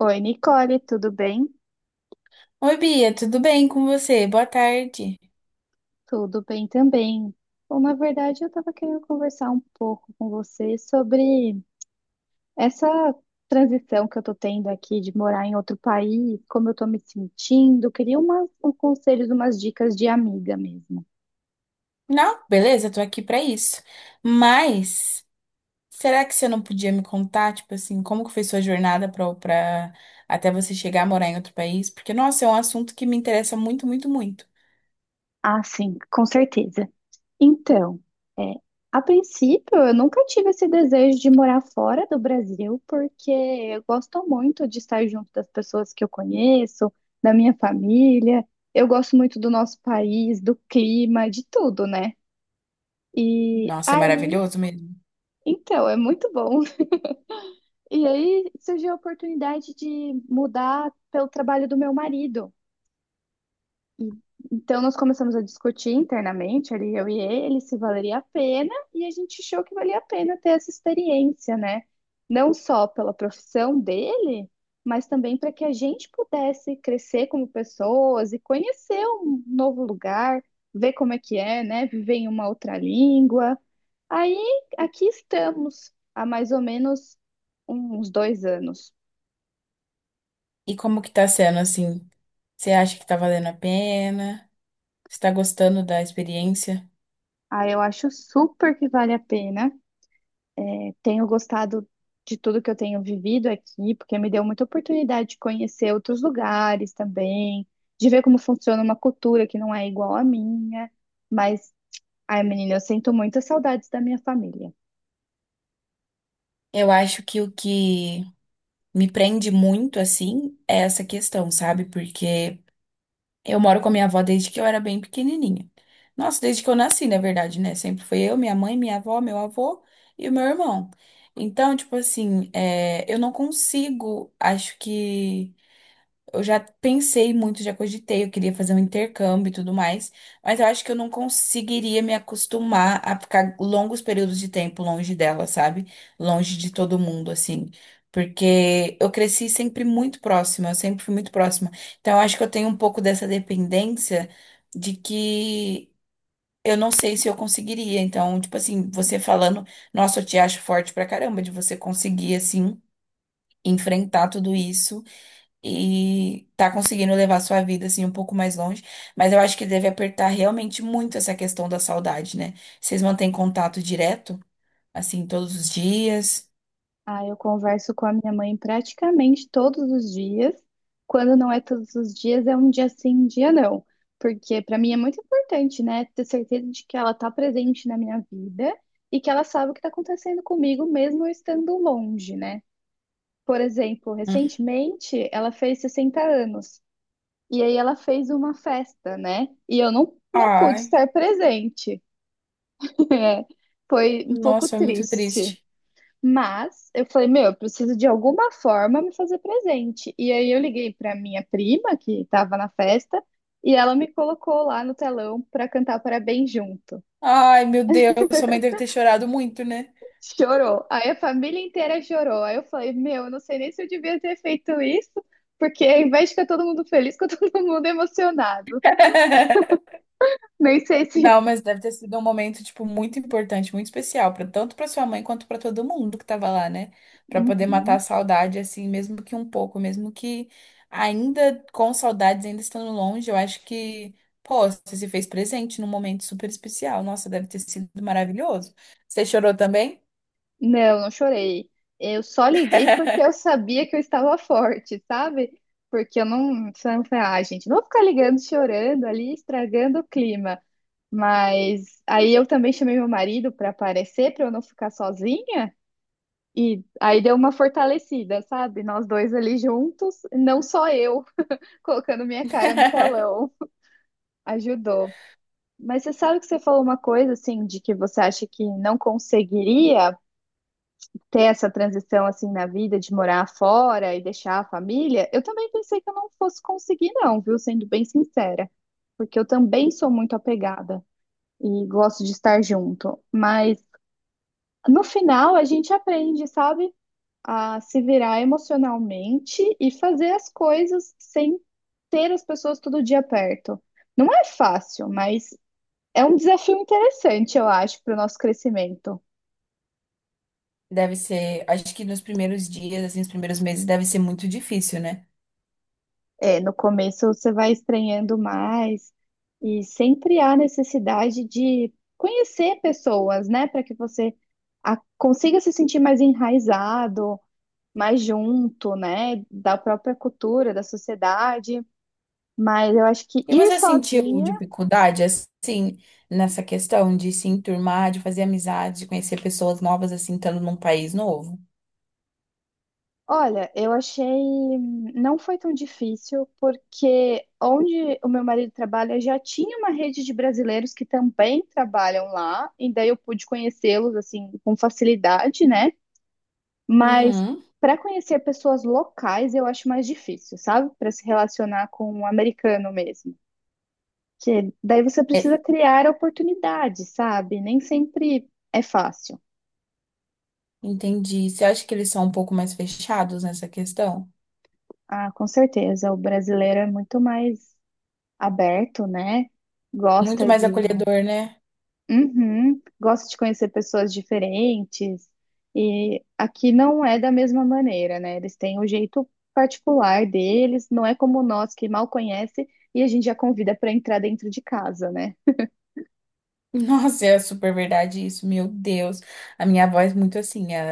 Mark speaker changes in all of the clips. Speaker 1: Oi, Nicole, tudo bem?
Speaker 2: Oi, Bia, tudo bem com você? Boa tarde.
Speaker 1: Tudo bem também. Bom, na verdade, eu estava querendo conversar um pouco com você sobre essa transição que eu estou tendo aqui de morar em outro país, como eu estou me sentindo. Queria uns conselhos, umas dicas de amiga mesmo.
Speaker 2: Não, beleza, tô aqui pra isso. Mas será que você não podia me contar, tipo assim, como que foi sua jornada pra até você chegar a morar em outro país? Porque, nossa, é um assunto que me interessa muito, muito, muito.
Speaker 1: Ah, sim, com certeza. Então, é, a princípio, eu nunca tive esse desejo de morar fora do Brasil, porque eu gosto muito de estar junto das pessoas que eu conheço, da minha família. Eu gosto muito do nosso país, do clima, de tudo, né? E
Speaker 2: Nossa, é
Speaker 1: aí,
Speaker 2: maravilhoso mesmo.
Speaker 1: então, é muito bom. E aí surgiu a oportunidade de mudar pelo trabalho do meu marido. E- Então, nós começamos a discutir internamente, ali eu e ele, se valeria a pena, e a gente achou que valia a pena ter essa experiência, né? Não só pela profissão dele, mas também para que a gente pudesse crescer como pessoas e conhecer um novo lugar, ver como é que é, né? Viver em uma outra língua. Aí, aqui estamos, há mais ou menos uns 2 anos.
Speaker 2: E como que tá sendo assim? Você acha que tá valendo a pena? Você tá gostando da experiência?
Speaker 1: Aí eu acho super que vale a pena. Tenho gostado de tudo que eu tenho vivido aqui, porque me deu muita oportunidade de conhecer outros lugares também, de ver como funciona uma cultura que não é igual à minha. Mas, ai, menina, eu sinto muitas saudades da minha família.
Speaker 2: Eu acho que o que me prende muito, assim, é essa questão, sabe? Porque eu moro com a minha avó desde que eu era bem pequenininha. Nossa, desde que eu nasci, na verdade, né? Sempre foi eu, minha mãe, minha avó, meu avô e o meu irmão. Então, tipo assim, eu não consigo, acho que. Eu já pensei muito, já cogitei, eu queria fazer um intercâmbio e tudo mais, mas eu acho que eu não conseguiria me acostumar a ficar longos períodos de tempo longe dela, sabe? Longe de todo mundo, assim. Porque eu cresci sempre muito próxima, eu sempre fui muito próxima. Então eu acho que eu tenho um pouco dessa dependência de que eu não sei se eu conseguiria. Então, tipo assim, você falando, nossa, eu te acho forte pra caramba de você conseguir, assim, enfrentar tudo isso e tá conseguindo levar sua vida assim um pouco mais longe, mas eu acho que deve apertar realmente muito essa questão da saudade, né? Vocês mantêm contato direto, assim, todos os dias?
Speaker 1: Ah, eu converso com a minha mãe praticamente todos os dias. Quando não é todos os dias, é um dia sim, um dia não. Porque para mim é muito importante, né, ter certeza de que ela está presente na minha vida e que ela sabe o que está acontecendo comigo, mesmo eu estando longe, né? Por exemplo,
Speaker 2: Hum.
Speaker 1: recentemente ela fez 60 anos e aí ela fez uma festa, né? E eu não pude
Speaker 2: Ai,
Speaker 1: estar presente. É, foi um pouco
Speaker 2: nossa, é muito
Speaker 1: triste.
Speaker 2: triste.
Speaker 1: Mas eu falei, meu, eu preciso de alguma forma me fazer presente. E aí eu liguei para minha prima que estava na festa e ela me colocou lá no telão para cantar parabéns junto.
Speaker 2: Ai, meu Deus, sua mãe deve ter chorado muito, né?
Speaker 1: Chorou. Aí a família inteira chorou. Aí eu falei, meu, eu não sei nem se eu devia ter feito isso, porque ao invés de ficar todo mundo feliz, ficou todo mundo emocionado. Nem sei se.
Speaker 2: Não, mas deve ter sido um momento, tipo, muito importante, muito especial, pra, tanto para sua mãe quanto para todo mundo que tava lá, né? Pra poder matar a
Speaker 1: Uhum.
Speaker 2: saudade, assim, mesmo que um pouco, mesmo que ainda com saudades, ainda estando longe, eu acho que, pô, você se fez presente num momento super especial. Nossa, deve ter sido maravilhoso. Você chorou também?
Speaker 1: Não, não chorei. Eu só liguei porque eu sabia que eu estava forte, sabe? Porque eu não. Eu falei, ah, gente, não vou ficar ligando, chorando ali, estragando o clima. Mas aí eu também chamei meu marido para aparecer, para eu não ficar sozinha. E aí deu uma fortalecida, sabe? Nós dois ali juntos, não só eu colocando minha cara no telão, ajudou. Mas você sabe que você falou uma coisa assim, de que você acha que não conseguiria ter essa transição assim na vida de morar fora e deixar a família? Eu também pensei que eu não fosse conseguir, não, viu? Sendo bem sincera, porque eu também sou muito apegada e gosto de estar junto, mas no final a gente aprende, sabe? A se virar emocionalmente e fazer as coisas sem ter as pessoas todo dia perto. Não é fácil, mas é um desafio interessante, eu acho, para o nosso crescimento.
Speaker 2: Deve ser, acho que nos primeiros dias, assim, nos primeiros meses, deve ser muito difícil, né?
Speaker 1: É, no começo você vai estranhando mais e sempre há necessidade de conhecer pessoas, né, para que você consiga se sentir mais enraizado, mais junto, né, da própria cultura, da sociedade. Mas eu acho que
Speaker 2: E
Speaker 1: ir
Speaker 2: você sentiu
Speaker 1: sozinho.
Speaker 2: dificuldade, assim, nessa questão de se enturmar, de fazer amizades, de conhecer pessoas novas, assim, estando num país novo?
Speaker 1: Olha, eu achei. Não foi tão difícil, porque onde o meu marido trabalha já tinha uma rede de brasileiros que também trabalham lá, e daí eu pude conhecê-los, assim, com facilidade, né? Mas
Speaker 2: Uhum.
Speaker 1: para conhecer pessoas locais eu acho mais difícil, sabe? Para se relacionar com um americano mesmo. Que daí você
Speaker 2: É,
Speaker 1: precisa criar oportunidade, sabe? Nem sempre é fácil.
Speaker 2: entendi. Você acha que eles são um pouco mais fechados nessa questão?
Speaker 1: Ah, com certeza, o brasileiro é muito mais aberto, né?
Speaker 2: Muito
Speaker 1: Gosta
Speaker 2: mais
Speaker 1: de,
Speaker 2: acolhedor, né?
Speaker 1: uhum, gosta de conhecer pessoas diferentes. E aqui não é da mesma maneira, né? Eles têm o jeito particular deles, não é como nós que mal conhece e a gente já convida para entrar dentro de casa, né?
Speaker 2: Nossa, é super verdade isso, meu Deus. A minha avó é muito assim, ela,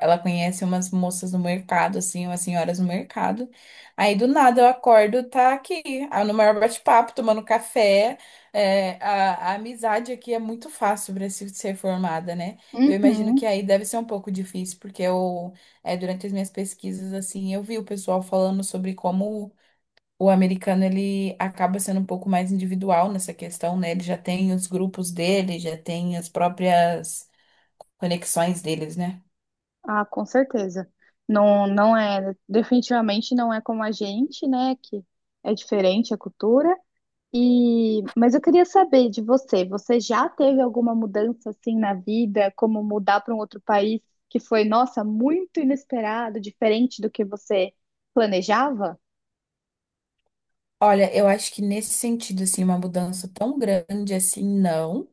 Speaker 2: ela conhece umas moças no mercado, assim, umas senhoras no mercado. Aí do nada eu acordo, tá aqui, ah, no maior bate-papo, tomando café. É, a amizade aqui é muito fácil para se ser formada, né? Eu imagino que
Speaker 1: Uhum.
Speaker 2: aí deve ser um pouco difícil, porque durante as minhas pesquisas, assim, eu vi o pessoal falando sobre como. O americano ele acaba sendo um pouco mais individual nessa questão, né? Ele já tem os grupos dele, já tem as próprias conexões deles, né?
Speaker 1: Ah, com certeza. Não é, definitivamente não é como a gente, né? Que é diferente a cultura. E, mas eu queria saber de você, você já teve alguma mudança assim na vida, como mudar para um outro país que foi, nossa, muito inesperado, diferente do que você planejava?
Speaker 2: Olha, eu acho que nesse sentido, assim, uma mudança tão grande assim, não.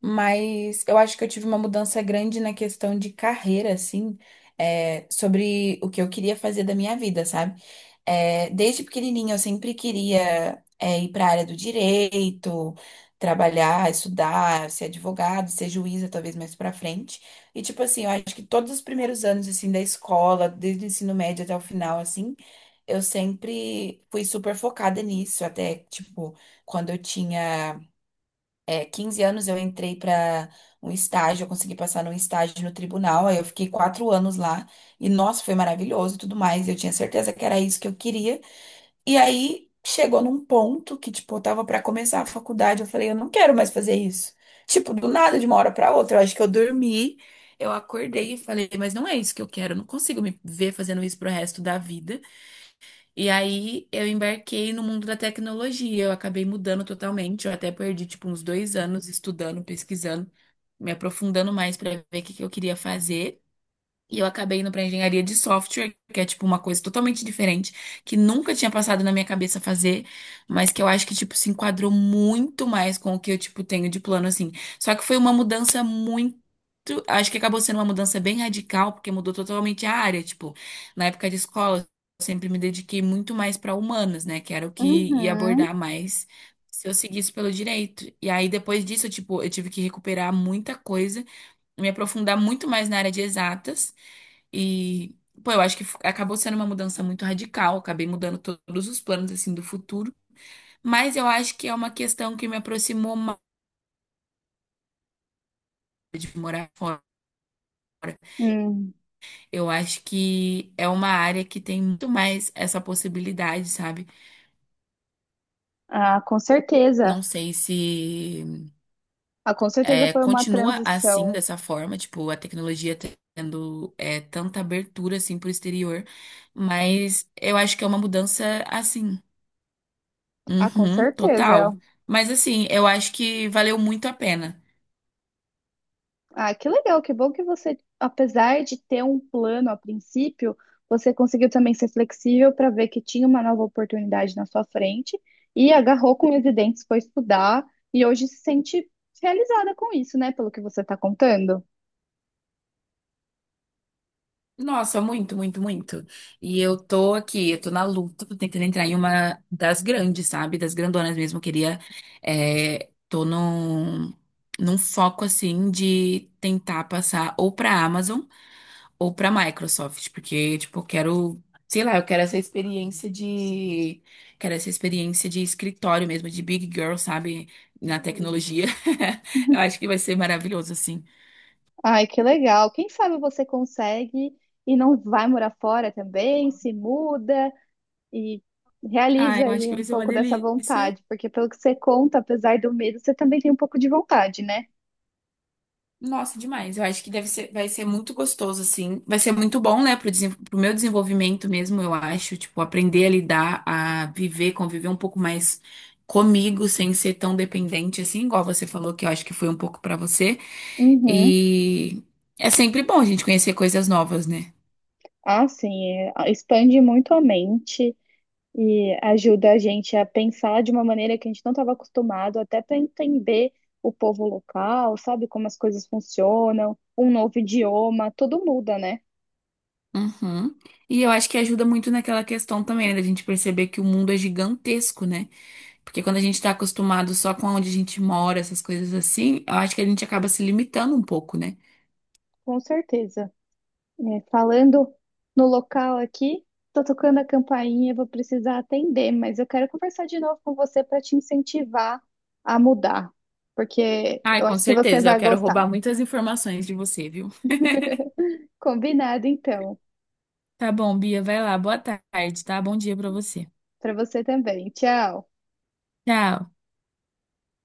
Speaker 2: Mas eu acho que eu tive uma mudança grande na questão de carreira, assim, sobre o que eu queria fazer da minha vida, sabe? Desde pequenininha eu sempre queria, ir para a área do direito, trabalhar, estudar, ser advogado, ser juíza, talvez mais para frente. E, tipo assim, eu acho que todos os primeiros anos, assim, da escola, desde o ensino médio até o final, assim, eu sempre fui super focada nisso. Até, tipo, quando eu tinha, 15 anos, eu entrei para um estágio, eu consegui passar num estágio no tribunal, aí eu fiquei 4 anos lá. E, nossa, foi maravilhoso e tudo mais. Eu tinha certeza que era isso que eu queria. E aí chegou num ponto que, tipo, eu tava pra começar a faculdade, eu falei, eu não quero mais fazer isso. Tipo, do nada, de uma hora pra outra, eu acho que eu dormi, eu acordei e falei, mas não é isso que eu quero, eu não consigo me ver fazendo isso pro resto da vida. E aí eu embarquei no mundo da tecnologia, eu acabei mudando totalmente, eu até perdi, tipo, uns 2 anos estudando, pesquisando, me aprofundando mais pra ver o que que eu queria fazer. E eu acabei indo pra engenharia de software, que é tipo uma coisa totalmente diferente, que nunca tinha passado na minha cabeça fazer, mas que eu acho que tipo se enquadrou muito mais com o que eu tipo tenho de plano assim. Só que foi uma mudança muito, acho que acabou sendo uma mudança bem radical, porque mudou totalmente a área, tipo, na época de escola eu sempre me dediquei muito mais pra humanas, né, que era o que ia
Speaker 1: Uhum.
Speaker 2: abordar mais se eu seguisse pelo direito. E aí depois disso, eu, tipo, eu tive que recuperar muita coisa me aprofundar muito mais na área de exatas. E, pô, eu acho que acabou sendo uma mudança muito radical, acabei mudando todos os planos, assim, do futuro. Mas eu acho que é uma questão que me aproximou mais de morar fora.
Speaker 1: Hum,
Speaker 2: Eu acho que é uma área que tem muito mais essa possibilidade, sabe?
Speaker 1: ah, com certeza.
Speaker 2: Não sei se
Speaker 1: Ah, com certeza
Speaker 2: é,
Speaker 1: foi uma
Speaker 2: continua assim,
Speaker 1: transição.
Speaker 2: dessa forma, tipo, a tecnologia tendo tanta abertura, assim, pro exterior. Mas eu acho que é uma mudança, assim.
Speaker 1: Ah, com
Speaker 2: Uhum,
Speaker 1: certeza. É.
Speaker 2: total. Mas assim, eu acho que valeu muito a pena.
Speaker 1: Ah, que legal, que bom que você, apesar de ter um plano a princípio, você conseguiu também ser flexível para ver que tinha uma nova oportunidade na sua frente e agarrou com os dentes, foi estudar e hoje se sente realizada com isso, né? Pelo que você está contando.
Speaker 2: Nossa, muito, muito, muito. E eu tô aqui, eu tô na luta, tô tentando entrar em uma das grandes, sabe? Das grandonas mesmo. Eu queria. Tô num foco assim de tentar passar ou pra Amazon. Ou para Microsoft, porque tipo, eu quero, sei lá, eu quero essa experiência de, quero essa experiência de escritório mesmo, de big girl, sabe, na tecnologia. Eu acho que vai ser maravilhoso assim.
Speaker 1: Ai, que legal. Quem sabe você consegue e não vai morar fora também, se muda e
Speaker 2: Ah,
Speaker 1: realiza
Speaker 2: eu acho
Speaker 1: aí
Speaker 2: que
Speaker 1: um
Speaker 2: vai ser uma
Speaker 1: pouco dessa
Speaker 2: delícia.
Speaker 1: vontade, porque pelo que você conta, apesar do medo, você também tem um pouco de vontade, né?
Speaker 2: Nossa, demais. Eu acho que deve ser, vai ser muito gostoso assim. Vai ser muito bom, né, pro, pro meu desenvolvimento mesmo, eu acho, tipo, aprender a lidar, a viver, conviver um pouco mais comigo sem ser tão dependente assim, igual você falou que eu acho que foi um pouco pra você.
Speaker 1: Uhum.
Speaker 2: E é sempre bom a gente conhecer coisas novas, né?
Speaker 1: Ah, sim, é, expande muito a mente e ajuda a gente a pensar de uma maneira que a gente não estava acostumado, até para entender o povo local, sabe como as coisas funcionam, um novo idioma, tudo muda, né?
Speaker 2: Uhum. E eu acho que ajuda muito naquela questão também, né, da gente perceber que o mundo é gigantesco, né? Porque quando a gente tá acostumado só com onde a gente mora, essas coisas assim, eu acho que a gente acaba se limitando um pouco, né?
Speaker 1: Com certeza. É, falando no local aqui, tô tocando a campainha, vou precisar atender, mas eu quero conversar de novo com você para te incentivar a mudar, porque
Speaker 2: Ai,
Speaker 1: eu
Speaker 2: com
Speaker 1: acho que você
Speaker 2: certeza. Eu
Speaker 1: vai
Speaker 2: quero
Speaker 1: gostar.
Speaker 2: roubar muitas informações de você, viu?
Speaker 1: Combinado, então,
Speaker 2: Tá bom, Bia, vai lá. Boa tarde, tá? Bom dia pra você.
Speaker 1: para você também. Tchau.
Speaker 2: Tchau.